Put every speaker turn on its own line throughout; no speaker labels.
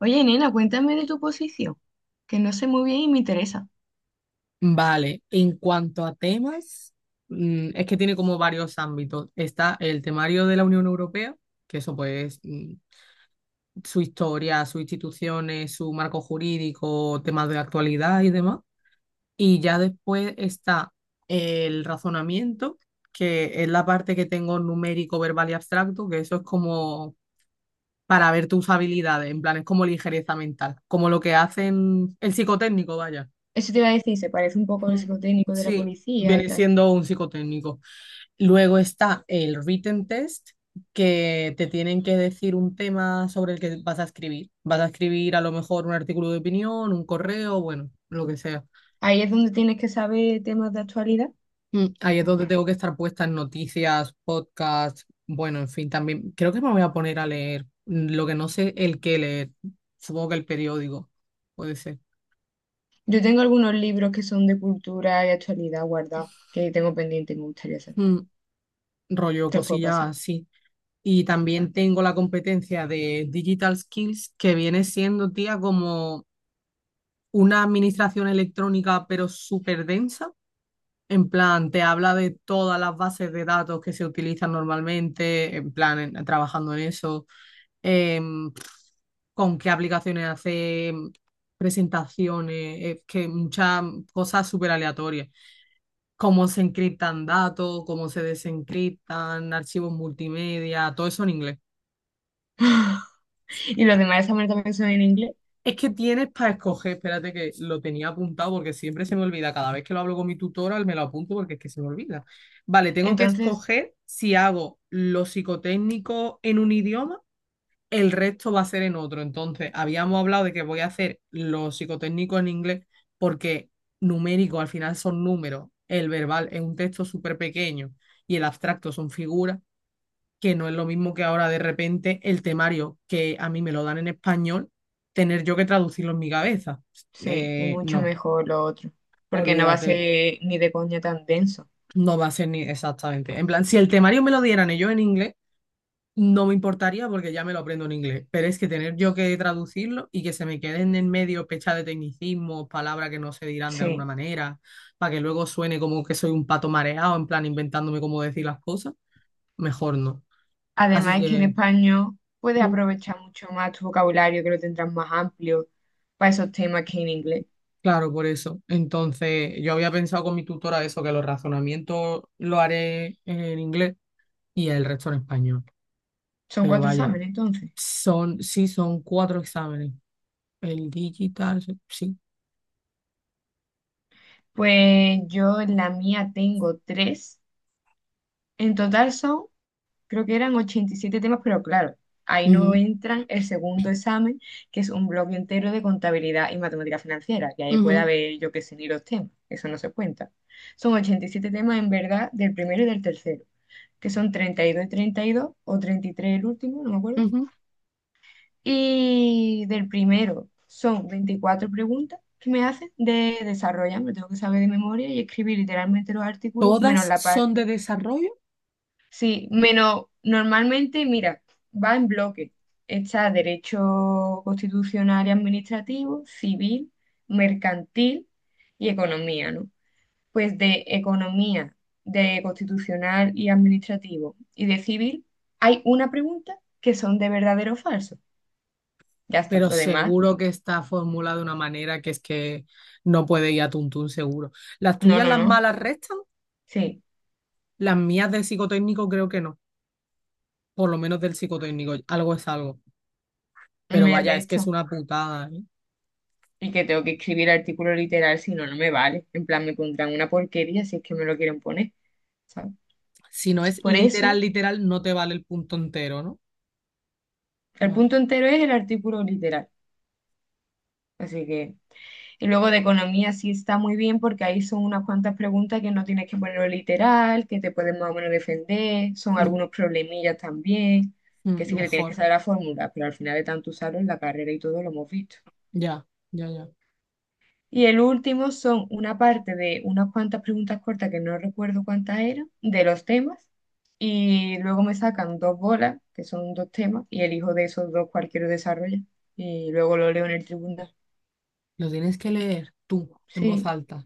Oye, nena, cuéntame de tu posición, que no sé muy bien y me interesa.
Vale, en cuanto a temas, es que tiene como varios ámbitos. Está el temario de la Unión Europea, que eso pues su historia, sus instituciones, su marco jurídico, temas de actualidad y demás. Y ya después está el razonamiento, que es la parte que tengo numérico, verbal y abstracto, que eso es como para ver tus habilidades, en plan es como ligereza mental, como lo que hacen el psicotécnico, vaya.
Eso te iba a decir, se parece un poco al psicotécnico de la
Sí,
policía y
viene
tal.
siendo un psicotécnico. Luego está el written test, que te tienen que decir un tema sobre el que vas a escribir. Vas a escribir a lo mejor un artículo de opinión, un correo, bueno, lo que sea.
Ahí es donde tienes que saber temas de actualidad.
Ahí es donde tengo que estar puesta en noticias, podcasts, bueno, en fin, también creo que me voy a poner a leer lo que no sé el qué leer. Supongo que el periódico, puede ser.
Yo tengo algunos libros que son de cultura y actualidad guardados, que tengo pendiente y me gustaría hacer.
Mm. Rollo
Te los puedo
cosillas
pasar.
así. Y también tengo la competencia de Digital Skills, que viene siendo, tía, como una administración electrónica pero súper densa. En plan, te habla de todas las bases de datos que se utilizan normalmente, en plan, trabajando en eso, em, con qué aplicaciones hace presentaciones, es que muchas cosas súper aleatorias. Cómo se encriptan datos, cómo se desencriptan, archivos multimedia, todo eso en inglés.
Y los demás exámenes también son en inglés.
Es que tienes para escoger, espérate que lo tenía apuntado porque siempre se me olvida. Cada vez que lo hablo con mi tutora me lo apunto porque es que se me olvida. Vale, tengo que
Entonces,
escoger si hago lo psicotécnico en un idioma, el resto va a ser en otro. Entonces, habíamos hablado de que voy a hacer lo psicotécnico en inglés porque numérico al final son números, el verbal es un texto súper pequeño y el abstracto son figuras que no es lo mismo que ahora de repente el temario que a mí me lo dan en español, tener yo que traducirlo en mi cabeza.
sí, es mucho
No,
mejor lo otro, porque no va a
olvídate,
ser ni de coña tan denso.
no va a ser ni exactamente. En plan, si el temario me lo dieran ellos en inglés, no me importaría porque ya me lo aprendo en inglés, pero es que tener yo que traducirlo y que se me queden en medio pechas de tecnicismos, palabras que no se dirán de alguna
Sí.
manera, para que luego suene como que soy un pato mareado, en plan inventándome cómo decir las cosas, mejor no. Así
Además es que en
que
español puedes
mm.
aprovechar mucho más tu vocabulario, que lo tendrás más amplio para esos temas que en inglés.
Claro, por eso. Entonces, yo había pensado con mi tutora eso, que los razonamientos lo haré en inglés y el resto en español.
Son
Pero
cuatro
vaya,
exámenes, entonces.
son, sí, son cuatro exámenes. El digital, sí.
Pues yo en la mía tengo tres. En total son creo que eran 87 temas, pero claro, ahí no
Ujú,
entran el segundo examen, que es un bloque entero de contabilidad y matemática financiera, y ahí puede
ujú,
haber, yo qué sé, ni los temas, eso no se cuenta. Son 87 temas en verdad del primero y del tercero, que son 32 y 32, o 33 el último, no me acuerdo.
ujú.
Y del primero son 24 preguntas que me hacen de desarrollar, me tengo que saber de memoria y escribir literalmente los artículos,
Todas
menos la
son
parte.
de desarrollo,
Sí, menos normalmente, mira, va en bloque. Está derecho constitucional y administrativo, civil, mercantil y economía, ¿no? Pues de economía, de constitucional y administrativo y de civil, hay una pregunta que son de verdadero o falso. Ya está,
pero
lo demás,
seguro que está formulada de una manera que es que no puede ir a tuntún seguro. Las
no,
tuyas,
no,
las
no.
malas restan,
Sí,
las mías del psicotécnico creo que no. Por lo menos del psicotécnico, algo es algo. Pero
me
vaya, es que es
resta.
una putada, ¿eh?
Y que tengo que escribir artículo literal, si no, no me vale. En plan, me pondrán una porquería si es que me lo quieren poner. ¿Sabes?
Si no es
Por
literal,
eso.
literal, no te vale el punto entero, ¿no?
El
Vale.
punto entero es el artículo literal. Así que, y luego de economía sí está muy bien porque ahí son unas cuantas preguntas que no tienes que ponerlo literal, que te pueden más o menos defender, son
Mm,
algunos problemillas también,
mm,
que sí que te tienes que
mejor.
saber la fórmula, pero al final de tanto usarlo en la carrera y todo lo hemos visto.
Ya, ya, ya.
Y el último son una parte de unas cuantas preguntas cortas que no recuerdo cuántas eran, de los temas, y luego me sacan dos bolas, que son dos temas, y elijo de esos dos cualquier desarrollo, y luego lo leo en el tribunal.
Lo tienes que leer tú, en voz
Sí,
alta.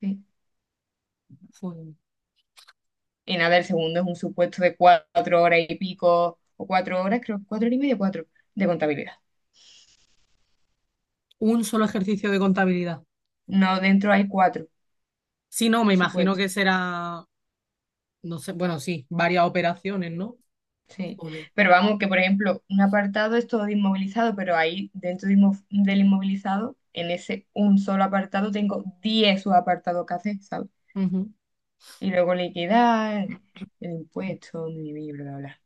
sí.
Fue
Y nada, el segundo es un supuesto de 4 horas y pico, o 4 horas, creo, 4 horas y media, cuatro, de contabilidad.
un solo ejercicio de contabilidad.
No, dentro hay cuatro
Si no, me imagino
supuestos,
que será, no sé, bueno, sí, varias operaciones, ¿no?
sí.
Joder.
Pero vamos, que por ejemplo, un apartado es todo de inmovilizado, pero ahí dentro de del inmovilizado, en ese un solo apartado, tengo 10 subapartados que hacer, ¿sabes?
Ujú.
Y luego liquidar, el impuesto, mi, bla, bla, bla.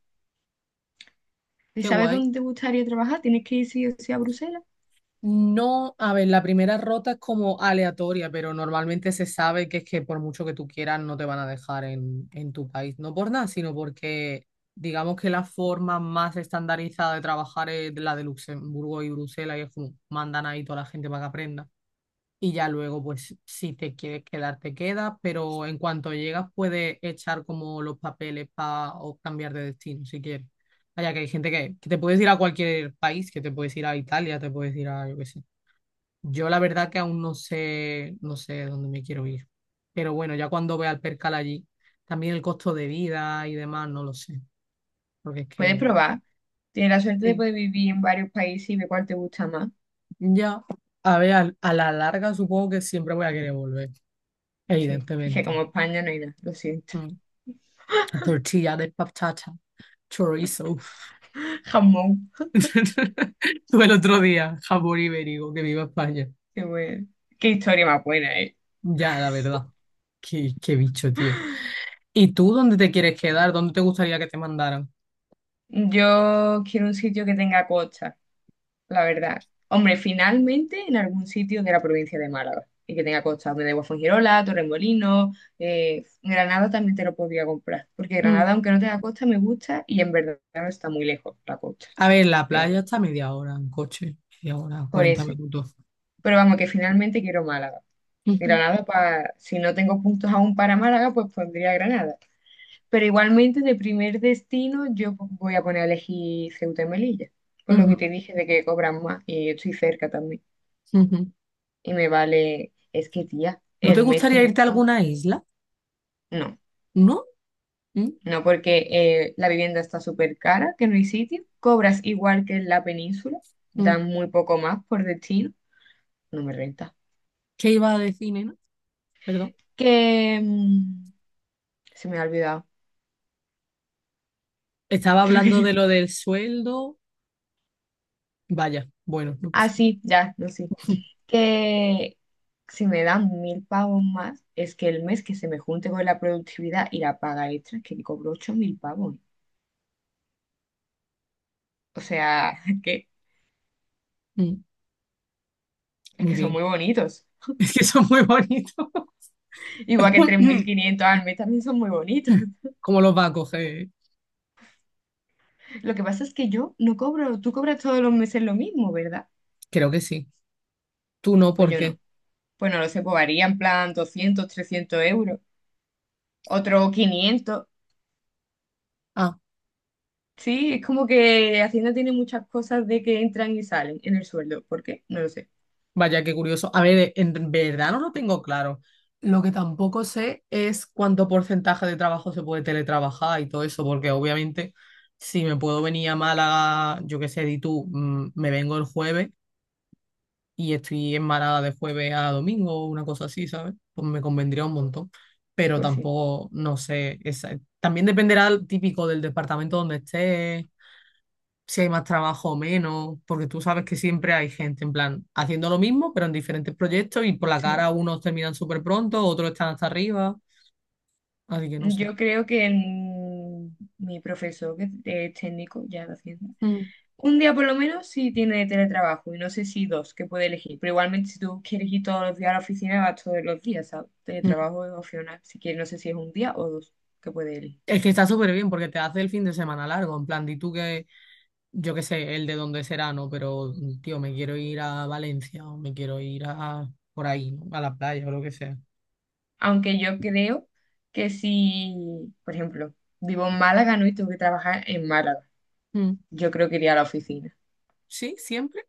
¿Y
Qué
sabes
guay.
dónde te gustaría trabajar? ¿Tienes que ir sí o sí a Bruselas?
No, a ver, la primera rota es como aleatoria, pero normalmente se sabe que es que por mucho que tú quieras no te van a dejar en tu país. No por nada, sino porque digamos que la forma más estandarizada de trabajar es la de Luxemburgo y Bruselas y es como mandan ahí toda la gente para que aprenda. Y ya luego, pues si te quieres quedar, te quedas, pero en cuanto llegas puedes echar como los papeles para o cambiar de destino si quieres. Vaya, que hay gente que te puedes ir a cualquier país, que te puedes ir a Italia, te puedes ir a, yo qué sé, yo la verdad que aún no sé, no sé dónde me quiero ir. Pero bueno, ya cuando vea el percal allí, también el costo de vida y demás, no lo sé. Porque es
Puedes
que,
probar. Tienes la suerte de
sí,
poder vivir en varios países y ver cuál te gusta más.
ya, a ver, la larga supongo que siempre voy a querer volver,
Sí, es que
evidentemente.
como España no hay nada, lo siento.
Mm. Tortilla de patata, chorizo.
Jamón,
Tuve el otro día, jamón ibérico, que viva España.
qué bueno. Qué historia más buena, ¿eh?
Ya, la verdad. Qué bicho, tío. ¿Y tú dónde te quieres quedar? ¿Dónde te gustaría que te mandaran?
Yo quiero un sitio que tenga costa, la verdad. Hombre, finalmente en algún sitio de la provincia de Málaga y que tenga costa, donde de Guafongirola, Torremolinos, Granada también te lo podría comprar, porque Granada,
Mm.
aunque no tenga costa, me gusta y en verdad no está muy lejos la costa
A ver, la
de
playa
Granada.
está a media hora en coche, media hora,
Por
40
eso.
minutos.
Pero vamos, que finalmente quiero Málaga.
Ujú,
Granada, pa- si no tengo puntos aún para Málaga, pues pondría Granada. Pero igualmente de primer destino yo voy a poner a elegir Ceuta y Melilla, por lo que
ujú,
te dije de que cobran más y yo estoy cerca también.
ujú.
Y me vale, es que tía,
¿No te
el mes que
gustaría
me
irte a
pagan.
alguna isla?
No,
¿No? ¿Mm?
no porque la vivienda está súper cara, que no hay sitio, cobras igual que en la península,
¿Mm?
dan muy poco más por destino, no me renta.
¿Qué iba a decir, nena? Perdón.
Que se me ha olvidado,
Estaba
creo que
hablando de
no.
lo del sueldo. Vaya, bueno, no pasa
Ah, sí, ya, no sé.
nada.
Que si me dan 1.000 pavos más, es que el mes que se me junte con la productividad y la paga extra, es que cobro 8.000 pavos. O sea, que,
Mm.
es
Muy
que son
bien.
muy bonitos.
Es que son muy bonitos.
Igual que tres mil quinientos al mes también son muy bonitos.
¿Cómo los va a coger?
Lo que pasa es que yo no cobro, tú cobras todos los meses lo mismo, ¿verdad?
Creo que sí. Tú no,
Pues
¿por
yo
qué?
no. Pues no lo sé, pues varía en plan 200, 300 euros, otro 500. Sí, es como que Hacienda tiene muchas cosas de que entran y salen en el sueldo. ¿Por qué? No lo sé.
Vaya, qué curioso. A ver, en verdad no lo tengo claro. Lo que tampoco sé es cuánto porcentaje de trabajo se puede teletrabajar y todo eso, porque obviamente si me puedo venir a Málaga, yo qué sé, di tú, me vengo el jueves y estoy en Málaga de jueves a domingo o una cosa así, ¿sabes? Pues me convendría un montón, pero
Pues sí,
tampoco, no sé, esa- también dependerá el típico del departamento donde esté si hay más trabajo o menos, porque tú sabes que siempre hay gente en plan haciendo lo mismo, pero en diferentes proyectos y por la cara
sí.
unos terminan súper pronto, otros están hasta arriba, así que no sé.
Yo creo que mi profesor, que es técnico ya de Hacienda,
Mm,
un día por lo menos sí tiene teletrabajo y no sé si dos que puede elegir, pero igualmente si tú quieres ir todos los días a la oficina, vas todos los días, ¿sabes?
mm.
Teletrabajo es opcional, si quieres, no sé si es un día o dos que puede elegir.
Es que está súper bien porque te hace el fin de semana largo, en plan, di tú que, yo qué sé, el de dónde será, ¿no? Pero, tío, me quiero ir a Valencia o me quiero ir a por ahí, ¿no? A la playa o lo que sea.
Aunque yo creo que si, por ejemplo, vivo en Málaga, ¿no? Y tengo que trabajar en Málaga,
Mm.
yo creo que iría a la oficina.
Sí, siempre.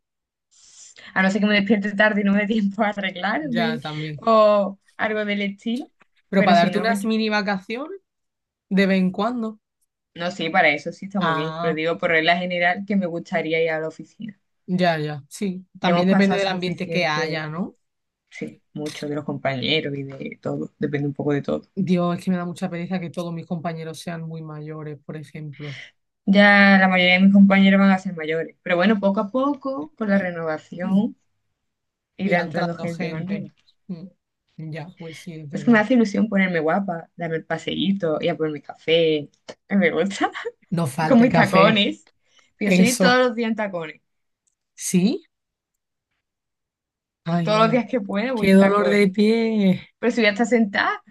A no ser que me despierte tarde y no me dé tiempo a
Ya,
arreglarme
también.
o algo del estilo.
Pero
Pero
para
si
darte
no,
unas mini vacaciones de vez en cuando.
no, sí, para eso sí está muy bien, pero
Ah.
digo por regla general que me gustaría ir a la oficina.
Ya, ya, sí.
Ya
También
hemos
depende
pasado
del ambiente que haya,
suficiente,
¿no?
sí, mucho de los compañeros y de todo, depende un poco de todo.
Dios, es que me da mucha pereza que todos mis compañeros sean muy mayores, por ejemplo.
Ya la mayoría de mis compañeros van a ser mayores, pero bueno, poco a poco, con la
Mm.
renovación,
Ir
irá entrando
entrando
gente más
gente.
nueva.
Mm. Ya, pues sí, es
Es que me
verdad.
hace ilusión ponerme guapa, darme el paseíto, ir a por mi café, a mí me gusta,
No
con
falta el
mis
café.
tacones. Pienso ir todos
Eso.
los días en tacones,
¿Sí? Ay,
todos los
ay.
días que pueda voy
Qué
en
dolor de
tacones,
pie.
pero si voy a estar sentada.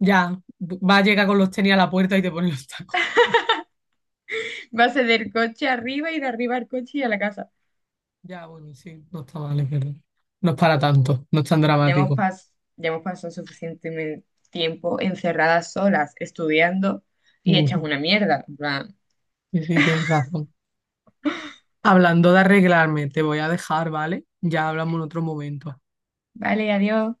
Ya, va a llegar con los tenis a la puerta y te pone los tacos.
Va a Base del coche arriba y de arriba al coche y a la casa.
Ya, bueno, sí, no está mal, es verdad. No es para tanto, no es tan
Ya hemos,
dramático.
pas- ya hemos pasado suficiente tiempo encerradas solas, estudiando, y hechas
Ujú.
una mierda. En plan,
Sí, sí, tienes razón. Hablando de arreglarme, te voy a dejar, ¿vale? Ya hablamos en otro momento.
vale, adiós.